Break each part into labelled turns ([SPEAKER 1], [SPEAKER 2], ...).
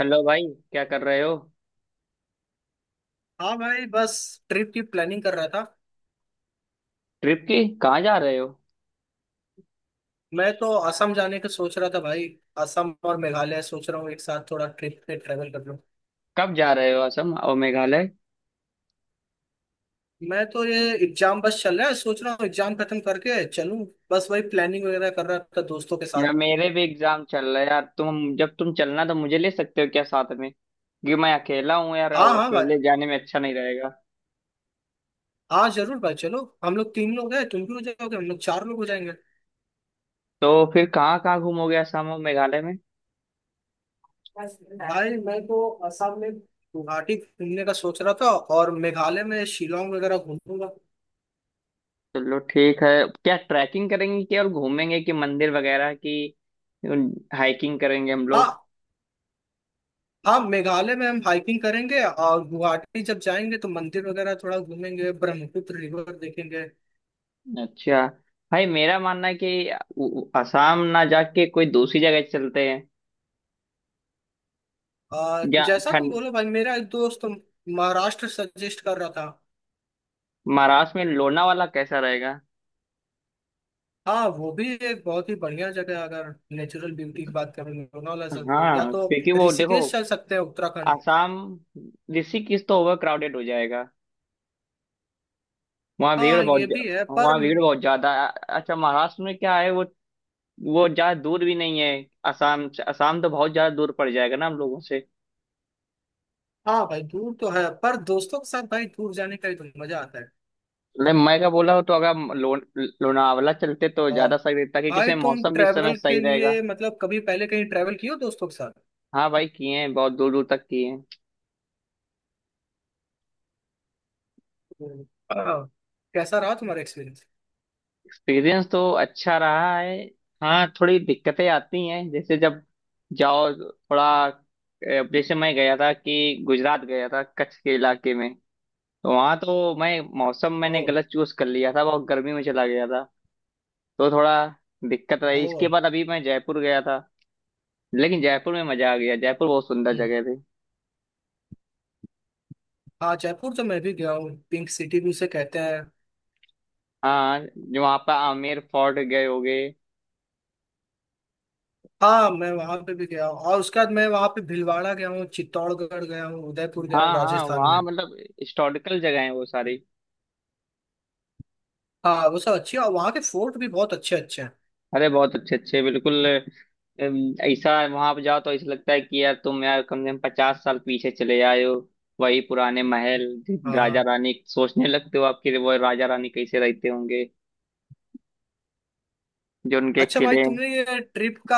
[SPEAKER 1] Hello भाई। क्या कर रहे हो?
[SPEAKER 2] हाँ भाई, बस ट्रिप की प्लानिंग कर रहा था।
[SPEAKER 1] ट्रिप की। कहाँ जा रहे हो?
[SPEAKER 2] मैं तो असम जाने का सोच रहा था भाई। असम और मेघालय सोच रहा हूँ, एक साथ थोड़ा ट्रिप पे ट्रेवल कर लूँ।
[SPEAKER 1] कब जा रहे हो असम और मेघालय?
[SPEAKER 2] मैं तो ये एग्जाम बस चल रहा है, सोच रहा हूँ एग्जाम खत्म करके चलूँ। बस वही प्लानिंग वगैरह कर रहा था दोस्तों के साथ।
[SPEAKER 1] यार मेरे भी एग्जाम चल रहे हैं यार, तुम जब तुम चलना तो मुझे ले सकते हो क्या साथ में? क्योंकि मैं अकेला हूँ यार
[SPEAKER 2] हाँ
[SPEAKER 1] और
[SPEAKER 2] हाँ भाई।
[SPEAKER 1] अकेले जाने में अच्छा नहीं रहेगा।
[SPEAKER 2] हाँ जरूर भाई, चलो। हम लोग तीन लोग हैं, तुम भी हो जाओगे, हम लोग चार लोग हो जाएंगे।
[SPEAKER 1] तो फिर कहाँ कहाँ घूमोगे असम और मेघालय में?
[SPEAKER 2] भाई मैं तो असम में गुवाहाटी घूमने का सोच रहा था और मेघालय में शिलोंग वगैरह घूमूंगा।
[SPEAKER 1] चलो ठीक है। क्या ट्रैकिंग करेंगे कि और घूमेंगे कि मंदिर वगैरह की? हाइकिंग करेंगे हम लोग?
[SPEAKER 2] हाँ। हाँ मेघालय में हम हाइकिंग करेंगे और गुवाहाटी जब जाएंगे तो मंदिर वगैरह थोड़ा घूमेंगे, ब्रह्मपुत्र रिवर देखेंगे।
[SPEAKER 1] अच्छा। भाई मेरा मानना है कि असम ना जाके कोई दूसरी जगह चलते हैं। या
[SPEAKER 2] जैसा तुम
[SPEAKER 1] ठंड।
[SPEAKER 2] बोलो भाई, मेरा एक दोस्त महाराष्ट्र सजेस्ट कर रहा था।
[SPEAKER 1] महाराष्ट्र में लोनावाला कैसा रहेगा?
[SPEAKER 2] हाँ वो भी एक बहुत ही बढ़िया जगह है, अगर नेचुरल ब्यूटी की बात करें लोनावला या
[SPEAKER 1] हाँ
[SPEAKER 2] तो
[SPEAKER 1] क्योंकि वो देखो।
[SPEAKER 2] ऋषिकेश चल सकते हैं उत्तराखंड।
[SPEAKER 1] आसाम। ऋषिकेश तो ओवर क्राउडेड हो जाएगा। वहाँ भीड़
[SPEAKER 2] हाँ
[SPEAKER 1] बहुत।
[SPEAKER 2] ये भी है पर।
[SPEAKER 1] वहाँ भीड़ बहुत ज्यादा है। अच्छा महाराष्ट्र में क्या है वो। वो ज्यादा दूर भी नहीं है। आसाम से। आसाम तो बहुत ज्यादा दूर पड़ जाएगा ना हम लोगों से।
[SPEAKER 2] हाँ भाई दूर तो है, पर दोस्तों के साथ भाई दूर जाने का ही तो मजा आता है।
[SPEAKER 1] मतलब मैं क्या बोला हूँ, तो अगर हम लोनावाला चलते तो
[SPEAKER 2] और
[SPEAKER 1] ज्यादा सही रहता क्योंकि
[SPEAKER 2] भाई
[SPEAKER 1] उसमें
[SPEAKER 2] तुम
[SPEAKER 1] मौसम भी इस समय
[SPEAKER 2] ट्रैवल के
[SPEAKER 1] सही रहेगा।
[SPEAKER 2] लिए मतलब कभी पहले कहीं ट्रैवल किए हो दोस्तों के साथ?
[SPEAKER 1] हाँ भाई किए हैं, बहुत दूर दूर तक किए हैं।
[SPEAKER 2] हम्म, आ, कैसा रहा तुम्हारा एक्सपीरियंस?
[SPEAKER 1] एक्सपीरियंस तो अच्छा रहा है। हाँ थोड़ी दिक्कतें आती हैं, जैसे जब जाओ थोड़ा, जैसे मैं गया था कि गुजरात गया था कच्छ के इलाके में। तो वहाँ तो मैं मौसम, मैंने
[SPEAKER 2] ओ।
[SPEAKER 1] गलत चूज कर लिया था, बहुत गर्मी में चला गया था। तो थोड़ा दिक्कत रही।
[SPEAKER 2] ओ।
[SPEAKER 1] इसके बाद अभी मैं जयपुर गया था। लेकिन जयपुर में मजा आ गया। जयपुर बहुत सुंदर
[SPEAKER 2] हम्म,
[SPEAKER 1] जगह थी।
[SPEAKER 2] हाँ जयपुर तो मैं भी गया हूँ, पिंक सिटी भी उसे कहते हैं।
[SPEAKER 1] हाँ जो वहाँ पर आमेर फोर्ट गए होगे।
[SPEAKER 2] हाँ मैं वहां पे भी गया हूँ और उसके बाद मैं वहां पे भीलवाड़ा गया हूँ, चित्तौड़गढ़ गया हूँ, उदयपुर गया हूँ
[SPEAKER 1] हाँ हाँ,
[SPEAKER 2] राजस्थान
[SPEAKER 1] वहाँ
[SPEAKER 2] में।
[SPEAKER 1] मतलब हिस्टोरिकल जगह है वो सारी।
[SPEAKER 2] हाँ वो सब अच्छी है और वहाँ के फोर्ट भी बहुत अच्छे अच्छे हैं।
[SPEAKER 1] अरे बहुत अच्छे अच्छे बिल्कुल। ऐसा वहां पे जाओ तो ऐसा लगता है कि यार तुम, यार कम से कम 50 साल पीछे चले आए हो। वही पुराने महल। राजा
[SPEAKER 2] हाँ।
[SPEAKER 1] रानी सोचने लगते हो, आपके वो राजा रानी कैसे रहते होंगे, जो उनके
[SPEAKER 2] अच्छा
[SPEAKER 1] किले
[SPEAKER 2] भाई,
[SPEAKER 1] हैं।
[SPEAKER 2] तुमने ये ट्रिप का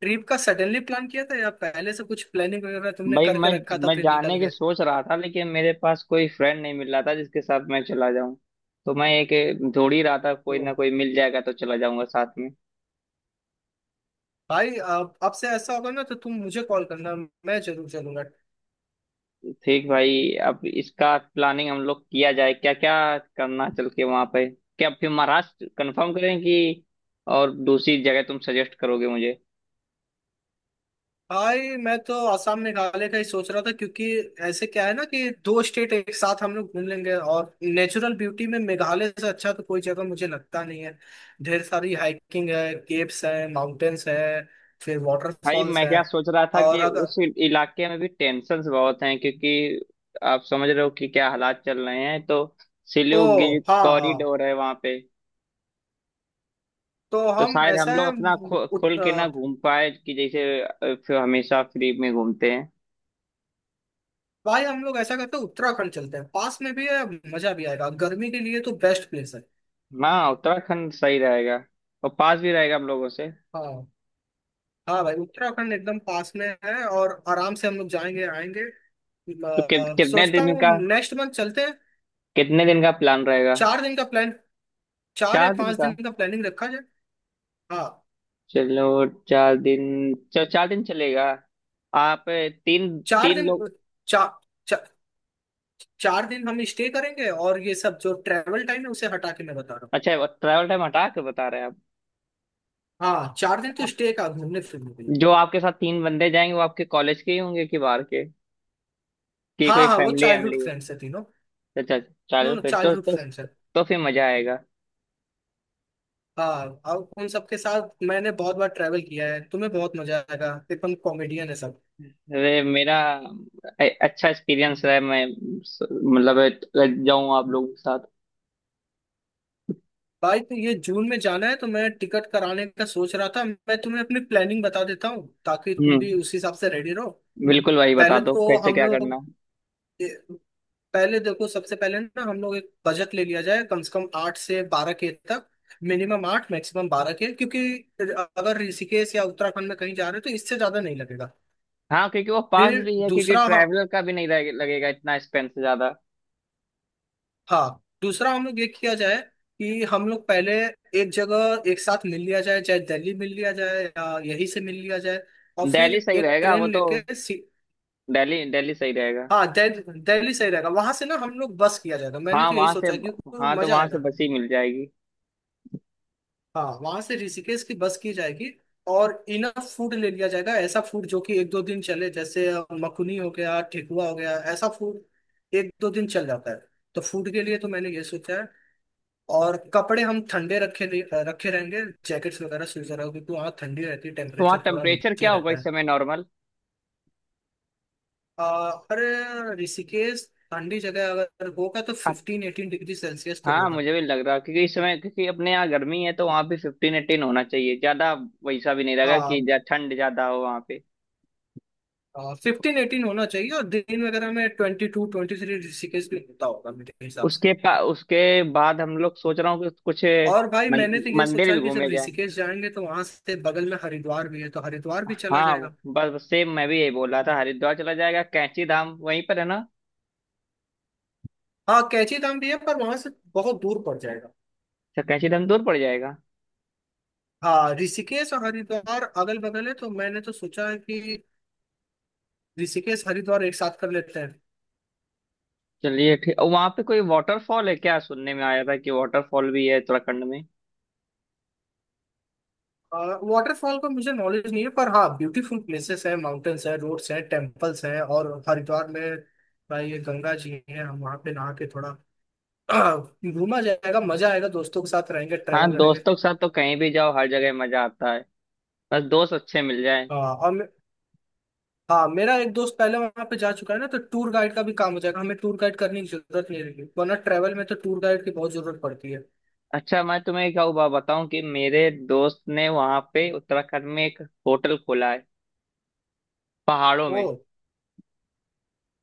[SPEAKER 2] ट्रिप का सडनली प्लान किया था या पहले से कुछ प्लानिंग वगैरह तुमने
[SPEAKER 1] भाई मैं
[SPEAKER 2] करके रखा था
[SPEAKER 1] मैं
[SPEAKER 2] फिर निकल
[SPEAKER 1] जाने की
[SPEAKER 2] गए?
[SPEAKER 1] सोच रहा था लेकिन मेरे पास कोई फ्रेंड नहीं मिल रहा था जिसके साथ मैं चला जाऊं। तो मैं एक ढूंढ ही रहा था, कोई
[SPEAKER 2] ओ।
[SPEAKER 1] ना कोई मिल जाएगा तो चला जाऊंगा साथ में।
[SPEAKER 2] भाई अब से ऐसा होगा ना तो तुम मुझे कॉल करना, मैं जरूर चलूंगा।
[SPEAKER 1] ठीक भाई। अब इसका प्लानिंग हम लोग किया जाए, क्या क्या करना चल के वहां पे, क्या फिर महाराष्ट्र कंफर्म करें कि और दूसरी जगह तुम सजेस्ट करोगे मुझे?
[SPEAKER 2] भाई मैं तो आसाम मेघालय का ही सोच रहा था, क्योंकि ऐसे क्या है ना कि दो स्टेट एक साथ हम लोग घूम लेंगे और नेचुरल ब्यूटी में मेघालय से अच्छा तो कोई जगह मुझे लगता नहीं है। ढेर सारी हाइकिंग है, केव्स है, माउंटेन्स है, फिर
[SPEAKER 1] भाई
[SPEAKER 2] वाटरफॉल्स
[SPEAKER 1] मैं
[SPEAKER 2] है।
[SPEAKER 1] क्या सोच रहा था
[SPEAKER 2] और
[SPEAKER 1] कि उस
[SPEAKER 2] अगर।
[SPEAKER 1] इलाके में भी टेंशन बहुत हैं, क्योंकि आप समझ रहे हो कि क्या हालात चल रहे हैं, तो
[SPEAKER 2] ओ।
[SPEAKER 1] सिलीगुड़ी
[SPEAKER 2] हाँ हाँ।
[SPEAKER 1] कॉरिडोर है वहां पे।
[SPEAKER 2] तो
[SPEAKER 1] तो
[SPEAKER 2] हम
[SPEAKER 1] शायद हम
[SPEAKER 2] ऐसा
[SPEAKER 1] लोग
[SPEAKER 2] है।
[SPEAKER 1] अपना
[SPEAKER 2] उत,
[SPEAKER 1] खुल के ना
[SPEAKER 2] अ,
[SPEAKER 1] घूम पाए, कि जैसे फिर हमेशा फ्री में घूमते हैं।
[SPEAKER 2] भाई हम लोग ऐसा करते हैं, उत्तराखंड चलते हैं, पास में भी है, मजा भी आएगा, गर्मी के लिए तो बेस्ट प्लेस है।
[SPEAKER 1] हाँ उत्तराखंड सही रहेगा। और पास भी रहेगा हम लोगों से।
[SPEAKER 2] हाँ। हाँ भाई उत्तराखंड एकदम पास में है और आराम से हम लोग जाएंगे आएंगे।
[SPEAKER 1] तो कितने
[SPEAKER 2] सोचता
[SPEAKER 1] दिन
[SPEAKER 2] हूँ
[SPEAKER 1] का,
[SPEAKER 2] नेक्स्ट मंथ चलते हैं।
[SPEAKER 1] कितने दिन का प्लान रहेगा?
[SPEAKER 2] 4 दिन का प्लान, चार या
[SPEAKER 1] चार दिन
[SPEAKER 2] पांच
[SPEAKER 1] का
[SPEAKER 2] दिन का प्लानिंग रखा जाए। हाँ।
[SPEAKER 1] चलो 4 दिन, चलो 4 दिन चलेगा। आप तीन
[SPEAKER 2] चार
[SPEAKER 1] तीन
[SPEAKER 2] दिन
[SPEAKER 1] लोग।
[SPEAKER 2] चा, चा, 4 दिन हम स्टे करेंगे और ये सब जो ट्रैवल टाइम है उसे हटा के मैं बता रहा हूँ।
[SPEAKER 1] अच्छा ट्रैवल टाइम हटा के बता रहे हैं।
[SPEAKER 2] हाँ चार दिन तो
[SPEAKER 1] आप
[SPEAKER 2] स्टे का घूमने फिरने के लिए।
[SPEAKER 1] जो आपके साथ तीन बंदे जाएंगे वो आपके कॉलेज के ही होंगे कि बाहर के, कि
[SPEAKER 2] हाँ
[SPEAKER 1] कोई
[SPEAKER 2] हाँ वो
[SPEAKER 1] फैमिली
[SPEAKER 2] चाइल्डहुड
[SPEAKER 1] वैमिली है?
[SPEAKER 2] फ्रेंड्स है तीनों।
[SPEAKER 1] अच्छा।
[SPEAKER 2] नो
[SPEAKER 1] चलो
[SPEAKER 2] नो
[SPEAKER 1] फिर
[SPEAKER 2] चाइल्डहुड फ्रेंड्स है।
[SPEAKER 1] तो फिर मजा आएगा।
[SPEAKER 2] हाँ और उन सबके साथ मैंने बहुत बार ट्रैवल किया है, तुम्हें बहुत मजा आएगा, एकदम कॉमेडियन है सब।
[SPEAKER 1] अरे मेरा अच्छा एक्सपीरियंस रहा है। मैं मतलब जाऊँ आप लोगों के साथ।
[SPEAKER 2] भाई तो ये जून में जाना है तो मैं टिकट कराने का सोच रहा था, मैं तुम्हें अपनी प्लानिंग बता देता हूँ ताकि तुम भी
[SPEAKER 1] हम्म।
[SPEAKER 2] उस हिसाब से रेडी रहो।
[SPEAKER 1] बिल्कुल भाई बता
[SPEAKER 2] पहले
[SPEAKER 1] दो
[SPEAKER 2] तो
[SPEAKER 1] कैसे
[SPEAKER 2] हम
[SPEAKER 1] क्या
[SPEAKER 2] लोग
[SPEAKER 1] करना।
[SPEAKER 2] पहले देखो सबसे पहले ना हम लोग एक बजट ले लिया जाए कम से कम 8 से 12 के तक। मिनिमम 8 मैक्सिमम 12 के, क्योंकि अगर ऋषिकेश या उत्तराखंड में कहीं जा रहे हो तो इससे ज्यादा नहीं लगेगा।
[SPEAKER 1] हाँ क्योंकि वो पास
[SPEAKER 2] फिर
[SPEAKER 1] भी है, क्योंकि
[SPEAKER 2] दूसरा, हाँ,
[SPEAKER 1] ट्रैवलर का भी नहीं लगेगा इतना, एक्सपेंस ज्यादा।
[SPEAKER 2] हाँ, दूसरा हम लोग ये किया जाए कि हम लोग पहले एक जगह एक साथ मिल लिया जाए, चाहे दिल्ली मिल लिया जाए या यहीं से मिल लिया जाए, और फिर
[SPEAKER 1] दिल्ली सही
[SPEAKER 2] एक
[SPEAKER 1] रहेगा वो
[SPEAKER 2] ट्रेन
[SPEAKER 1] तो।
[SPEAKER 2] लेके सी।
[SPEAKER 1] दिल्ली दिल्ली सही रहेगा।
[SPEAKER 2] हाँ दिल्ली सही रहेगा, वहां से ना हम लोग बस किया जाएगा, मैंने
[SPEAKER 1] हाँ
[SPEAKER 2] तो यही
[SPEAKER 1] वहां से।
[SPEAKER 2] सोचा है, क्योंकि
[SPEAKER 1] हाँ तो
[SPEAKER 2] मजा
[SPEAKER 1] वहां से
[SPEAKER 2] आएगा।
[SPEAKER 1] बस ही मिल जाएगी।
[SPEAKER 2] हाँ वहां से ऋषिकेश की बस की जाएगी और इनफ फूड ले लिया जाएगा, ऐसा फूड जो कि एक दो दिन चले, जैसे मखनी हो गया, ठेकुआ हो गया, ऐसा फूड एक दो दिन चल जाता है, तो फूड के लिए तो मैंने ये सोचा है। और कपड़े हम ठंडे रखे नहीं- रखे रहेंगे, जैकेट्स वगैरह स्वीज वगैरह, क्योंकि वहाँ ठंडी रहती है,
[SPEAKER 1] तो वहाँ
[SPEAKER 2] टेम्परेचर थोड़ा
[SPEAKER 1] टेम्परेचर
[SPEAKER 2] नीचे
[SPEAKER 1] क्या होगा
[SPEAKER 2] रहता
[SPEAKER 1] इस
[SPEAKER 2] है।
[SPEAKER 1] समय नॉर्मल?
[SPEAKER 2] अरे ऋषिकेश ठंडी जगह अगर होगा तो 15-18 डिग्री सेल्सियस तो
[SPEAKER 1] हाँ
[SPEAKER 2] होगा।
[SPEAKER 1] मुझे भी लग रहा है, क्योंकि इस समय क्योंकि अपने यहाँ गर्मी है तो वहाँ भी 15-18 होना चाहिए ज्यादा। वैसा भी नहीं रहेगा
[SPEAKER 2] हाँ
[SPEAKER 1] कि ठंड ज्यादा हो वहाँ पे।
[SPEAKER 2] 15-18 होना चाहिए और दिन वगैरह में 22-23 ऋषिकेश भी होता होगा मेरे हिसाब से।
[SPEAKER 1] उसके उसके बाद हम लोग सोच रहा हूँ कि कुछ
[SPEAKER 2] और भाई
[SPEAKER 1] मन,
[SPEAKER 2] मैंने तो ये
[SPEAKER 1] मंदिर
[SPEAKER 2] सोचा
[SPEAKER 1] भी
[SPEAKER 2] है कि जब
[SPEAKER 1] घूमे जाए।
[SPEAKER 2] ऋषिकेश जाएंगे तो वहां से बगल में हरिद्वार भी है तो हरिद्वार भी चला
[SPEAKER 1] हाँ
[SPEAKER 2] जाएगा।
[SPEAKER 1] बस बस सेम मैं भी यही बोल रहा था, हरिद्वार चला जाएगा, कैंची धाम वहीं पर है ना।
[SPEAKER 2] हाँ कैची धाम भी है पर वहां से बहुत दूर पड़ जाएगा।
[SPEAKER 1] अच्छा कैंची धाम दूर पड़ जाएगा।
[SPEAKER 2] हाँ ऋषिकेश और हरिद्वार अगल बगल है तो मैंने तो सोचा कि ऋषिकेश हरिद्वार एक साथ कर लेते हैं।
[SPEAKER 1] चलिए ठीक। और वहाँ पे कोई वाटरफॉल है क्या, सुनने में आया था कि वाटरफॉल भी है उत्तराखंड में?
[SPEAKER 2] वाटरफॉल का मुझे नॉलेज नहीं है, पर हाँ ब्यूटीफुल प्लेसेस है, माउंटेन्स है, रोड्स हैं, टेम्पल्स हैं, और हरिद्वार में भाई ये गंगा जी हैं, हम वहाँ पे नहा के थोड़ा घूमा जाएगा, मजा आएगा, दोस्तों के साथ रहेंगे,
[SPEAKER 1] हाँ
[SPEAKER 2] ट्रेवल करेंगे।
[SPEAKER 1] दोस्तों के साथ तो कहीं भी जाओ, हर जगह मजा आता है। बस दोस्त अच्छे मिल जाए।
[SPEAKER 2] हाँ हाँ मेरा एक दोस्त पहले वहाँ पे जा चुका है ना तो टूर गाइड का भी काम हो जाएगा, हमें टूर गाइड करने की जरूरत नहीं रहेगी, वरना ट्रेवल में तो टूर गाइड की बहुत जरूरत पड़ती है।
[SPEAKER 1] अच्छा मैं तुम्हें क्या हुआ बताऊं, कि मेरे दोस्त ने वहाँ पे उत्तराखंड में एक होटल खोला है पहाड़ों
[SPEAKER 2] ओ
[SPEAKER 1] में।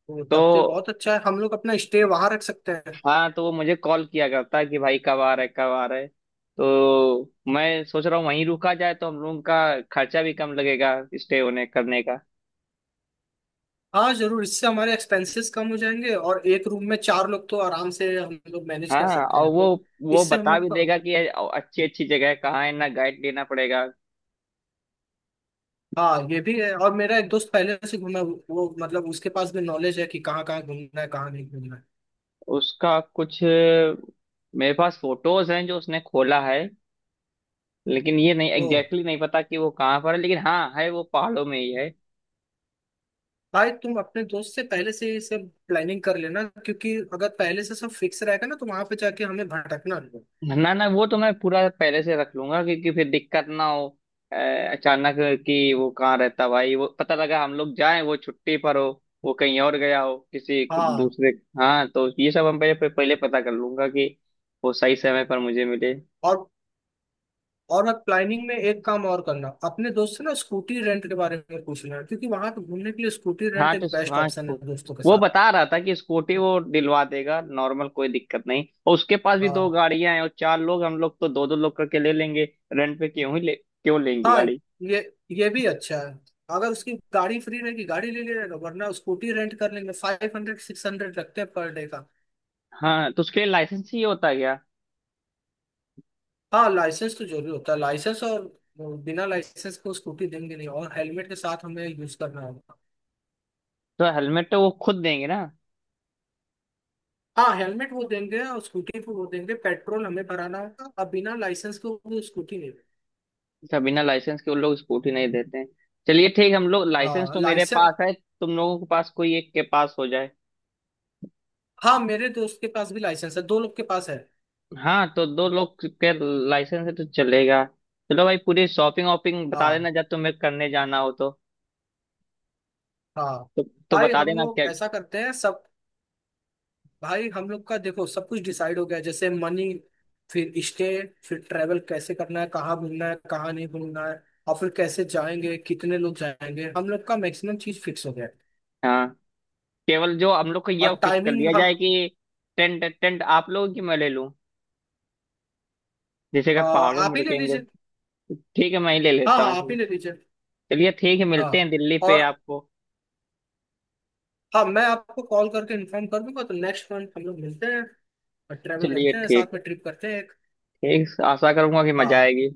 [SPEAKER 2] वो
[SPEAKER 1] तो
[SPEAKER 2] तब तो बहुत अच्छा है, हम लोग अपना स्टे वहां रख सकते हैं।
[SPEAKER 1] हाँ, तो वो मुझे कॉल किया करता है कि भाई कब आ रहे कब आ रहे, तो मैं सोच रहा हूँ वहीं रुका जाए तो हम लोगों का खर्चा भी कम लगेगा स्टे होने करने का।
[SPEAKER 2] हाँ जरूर, इससे हमारे एक्सपेंसेस कम हो जाएंगे और एक रूम में चार लोग तो आराम से हम लोग मैनेज कर
[SPEAKER 1] हाँ
[SPEAKER 2] सकते
[SPEAKER 1] और
[SPEAKER 2] हैं,
[SPEAKER 1] वो
[SPEAKER 2] तो
[SPEAKER 1] वो
[SPEAKER 2] इससे हम
[SPEAKER 1] बता
[SPEAKER 2] लोग
[SPEAKER 1] भी
[SPEAKER 2] का।
[SPEAKER 1] देगा कि अच्छी अच्छी जगह है, कहाँ है ना गाइड लेना पड़ेगा।
[SPEAKER 2] हाँ ये भी है और मेरा एक दोस्त पहले से घूमा है, वो मतलब उसके पास भी नॉलेज है कि कहाँ कहाँ घूमना है कहाँ नहीं घूमना है,
[SPEAKER 1] उसका कुछ मेरे पास फोटोज हैं जो उसने खोला है। लेकिन ये नहीं एग्जैक्टली
[SPEAKER 2] तो
[SPEAKER 1] exactly नहीं पता कि वो कहाँ पर है, लेकिन हाँ है, वो पहाड़ों में ही है।
[SPEAKER 2] भाई तुम अपने दोस्त से पहले से ही सब प्लानिंग कर लेना, क्योंकि अगर पहले से सब फिक्स रहेगा ना तो वहां पे जाके हमें भटकना नहीं है।
[SPEAKER 1] ना ना वो तो मैं पूरा पहले से रख लूंगा, क्योंकि फिर दिक्कत ना हो। अचानक कि वो कहाँ रहता भाई, वो पता लगा हम लोग जाएं वो छुट्टी पर हो, वो कहीं और गया हो किसी
[SPEAKER 2] हाँ
[SPEAKER 1] दूसरे। हाँ तो ये सब हम पहले पहले पता कर लूंगा कि वो सही समय पर मुझे मिले।
[SPEAKER 2] और और मैं प्लानिंग में एक काम और करना अपने दोस्त से ना, स्कूटी रेंट के बारे में पूछ लेना, क्योंकि वहां पे घूमने के लिए स्कूटी रेंट
[SPEAKER 1] हाँ तो
[SPEAKER 2] एक बेस्ट
[SPEAKER 1] हाँ
[SPEAKER 2] ऑप्शन है दोस्तों के
[SPEAKER 1] वो
[SPEAKER 2] साथ।
[SPEAKER 1] बता रहा था कि स्कूटी वो दिलवा देगा, नॉर्मल कोई दिक्कत नहीं, और उसके पास भी दो
[SPEAKER 2] हाँ
[SPEAKER 1] गाड़ियां हैं, और चार लोग हम लोग तो दो दो लोग करके ले लेंगे। रेंट पे क्यों ही ले, क्यों लेंगे
[SPEAKER 2] हाँ
[SPEAKER 1] गाड़ी।
[SPEAKER 2] ये ये भी अच्छा है, अगर उसकी गाड़ी फ्री रहेगी गाड़ी ले लेगा वरना स्कूटी रेंट कर लेंगे, 500-600 लगते हैं पर डे का।
[SPEAKER 1] हाँ तो उसके लिए लाइसेंस ही होता है क्या?
[SPEAKER 2] हाँ लाइसेंस तो जरूरी होता है, लाइसेंस और बिना लाइसेंस को स्कूटी देंगे नहीं और हेलमेट के साथ हमें यूज करना होगा।
[SPEAKER 1] तो हेलमेट तो वो खुद देंगे ना।
[SPEAKER 2] हाँ हेलमेट वो देंगे और स्कूटी को वो देंगे, पेट्रोल हमें भराना होगा और बिना लाइसेंस को वो स्कूटी नहीं।
[SPEAKER 1] अच्छा बिना लाइसेंस के वो लोग स्कूटी नहीं देते हैं। चलिए ठीक। हम लोग लाइसेंस
[SPEAKER 2] हाँ
[SPEAKER 1] तो मेरे
[SPEAKER 2] लाइसेंस।
[SPEAKER 1] पास है। तुम लोगों के पास कोई एक के पास हो जाए।
[SPEAKER 2] हाँ मेरे दोस्त के पास भी लाइसेंस है, दो लोग के पास है।
[SPEAKER 1] हाँ तो दो लोग के लाइसेंस है तो चलेगा। चलो भाई, पूरी शॉपिंग वॉपिंग बता
[SPEAKER 2] हाँ
[SPEAKER 1] देना जब तुम्हें करने जाना हो तो।
[SPEAKER 2] हाँ
[SPEAKER 1] तो, तो
[SPEAKER 2] भाई
[SPEAKER 1] बता
[SPEAKER 2] हम
[SPEAKER 1] देना
[SPEAKER 2] लोग
[SPEAKER 1] क्या।
[SPEAKER 2] ऐसा करते हैं सब। भाई हम लोग का देखो सब कुछ डिसाइड हो गया है, जैसे मनी, फिर स्टे, फिर ट्रैवल कैसे करना है, कहाँ घूमना है कहाँ नहीं घूमना है, और फिर कैसे जाएंगे कितने लोग जाएंगे, हम लोग का मैक्सिमम चीज फिक्स हो गया है।
[SPEAKER 1] हाँ केवल जो हम लोग को
[SPEAKER 2] और
[SPEAKER 1] ये फिक्स कर
[SPEAKER 2] टाइमिंग
[SPEAKER 1] लिया
[SPEAKER 2] हम।
[SPEAKER 1] जाए कि टेंट, टेंट आप लोगों की मैं ले लूँ, जैसे कि
[SPEAKER 2] आ,
[SPEAKER 1] पहाड़ों
[SPEAKER 2] आप
[SPEAKER 1] में
[SPEAKER 2] ही ले
[SPEAKER 1] रुकेंगे।
[SPEAKER 2] लीजिए।
[SPEAKER 1] ठीक है मैं ही ले
[SPEAKER 2] हाँ
[SPEAKER 1] लेता
[SPEAKER 2] हाँ आप
[SPEAKER 1] हूँ।
[SPEAKER 2] ही ले लीजिए।
[SPEAKER 1] चलिए ठीक है, मिलते
[SPEAKER 2] हाँ
[SPEAKER 1] हैं दिल्ली पे
[SPEAKER 2] और
[SPEAKER 1] आपको।
[SPEAKER 2] हाँ मैं आपको कॉल करके इन्फॉर्म कर दूंगा, तो नेक्स्ट मंथ हम लोग मिलते हैं और ट्रैवल
[SPEAKER 1] चलिए
[SPEAKER 2] करते हैं साथ
[SPEAKER 1] ठीक।
[SPEAKER 2] में, ट्रिप करते हैं एक।
[SPEAKER 1] ठीक, आशा करूंगा कि मजा
[SPEAKER 2] हाँ
[SPEAKER 1] आएगी।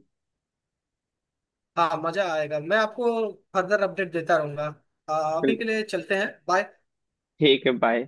[SPEAKER 2] हाँ मजा आएगा, मैं आपको फर्दर अपडेट देता रहूंगा। आ, अभी
[SPEAKER 1] चल,
[SPEAKER 2] के लिए चलते हैं, बाय।
[SPEAKER 1] ठीक है बाय।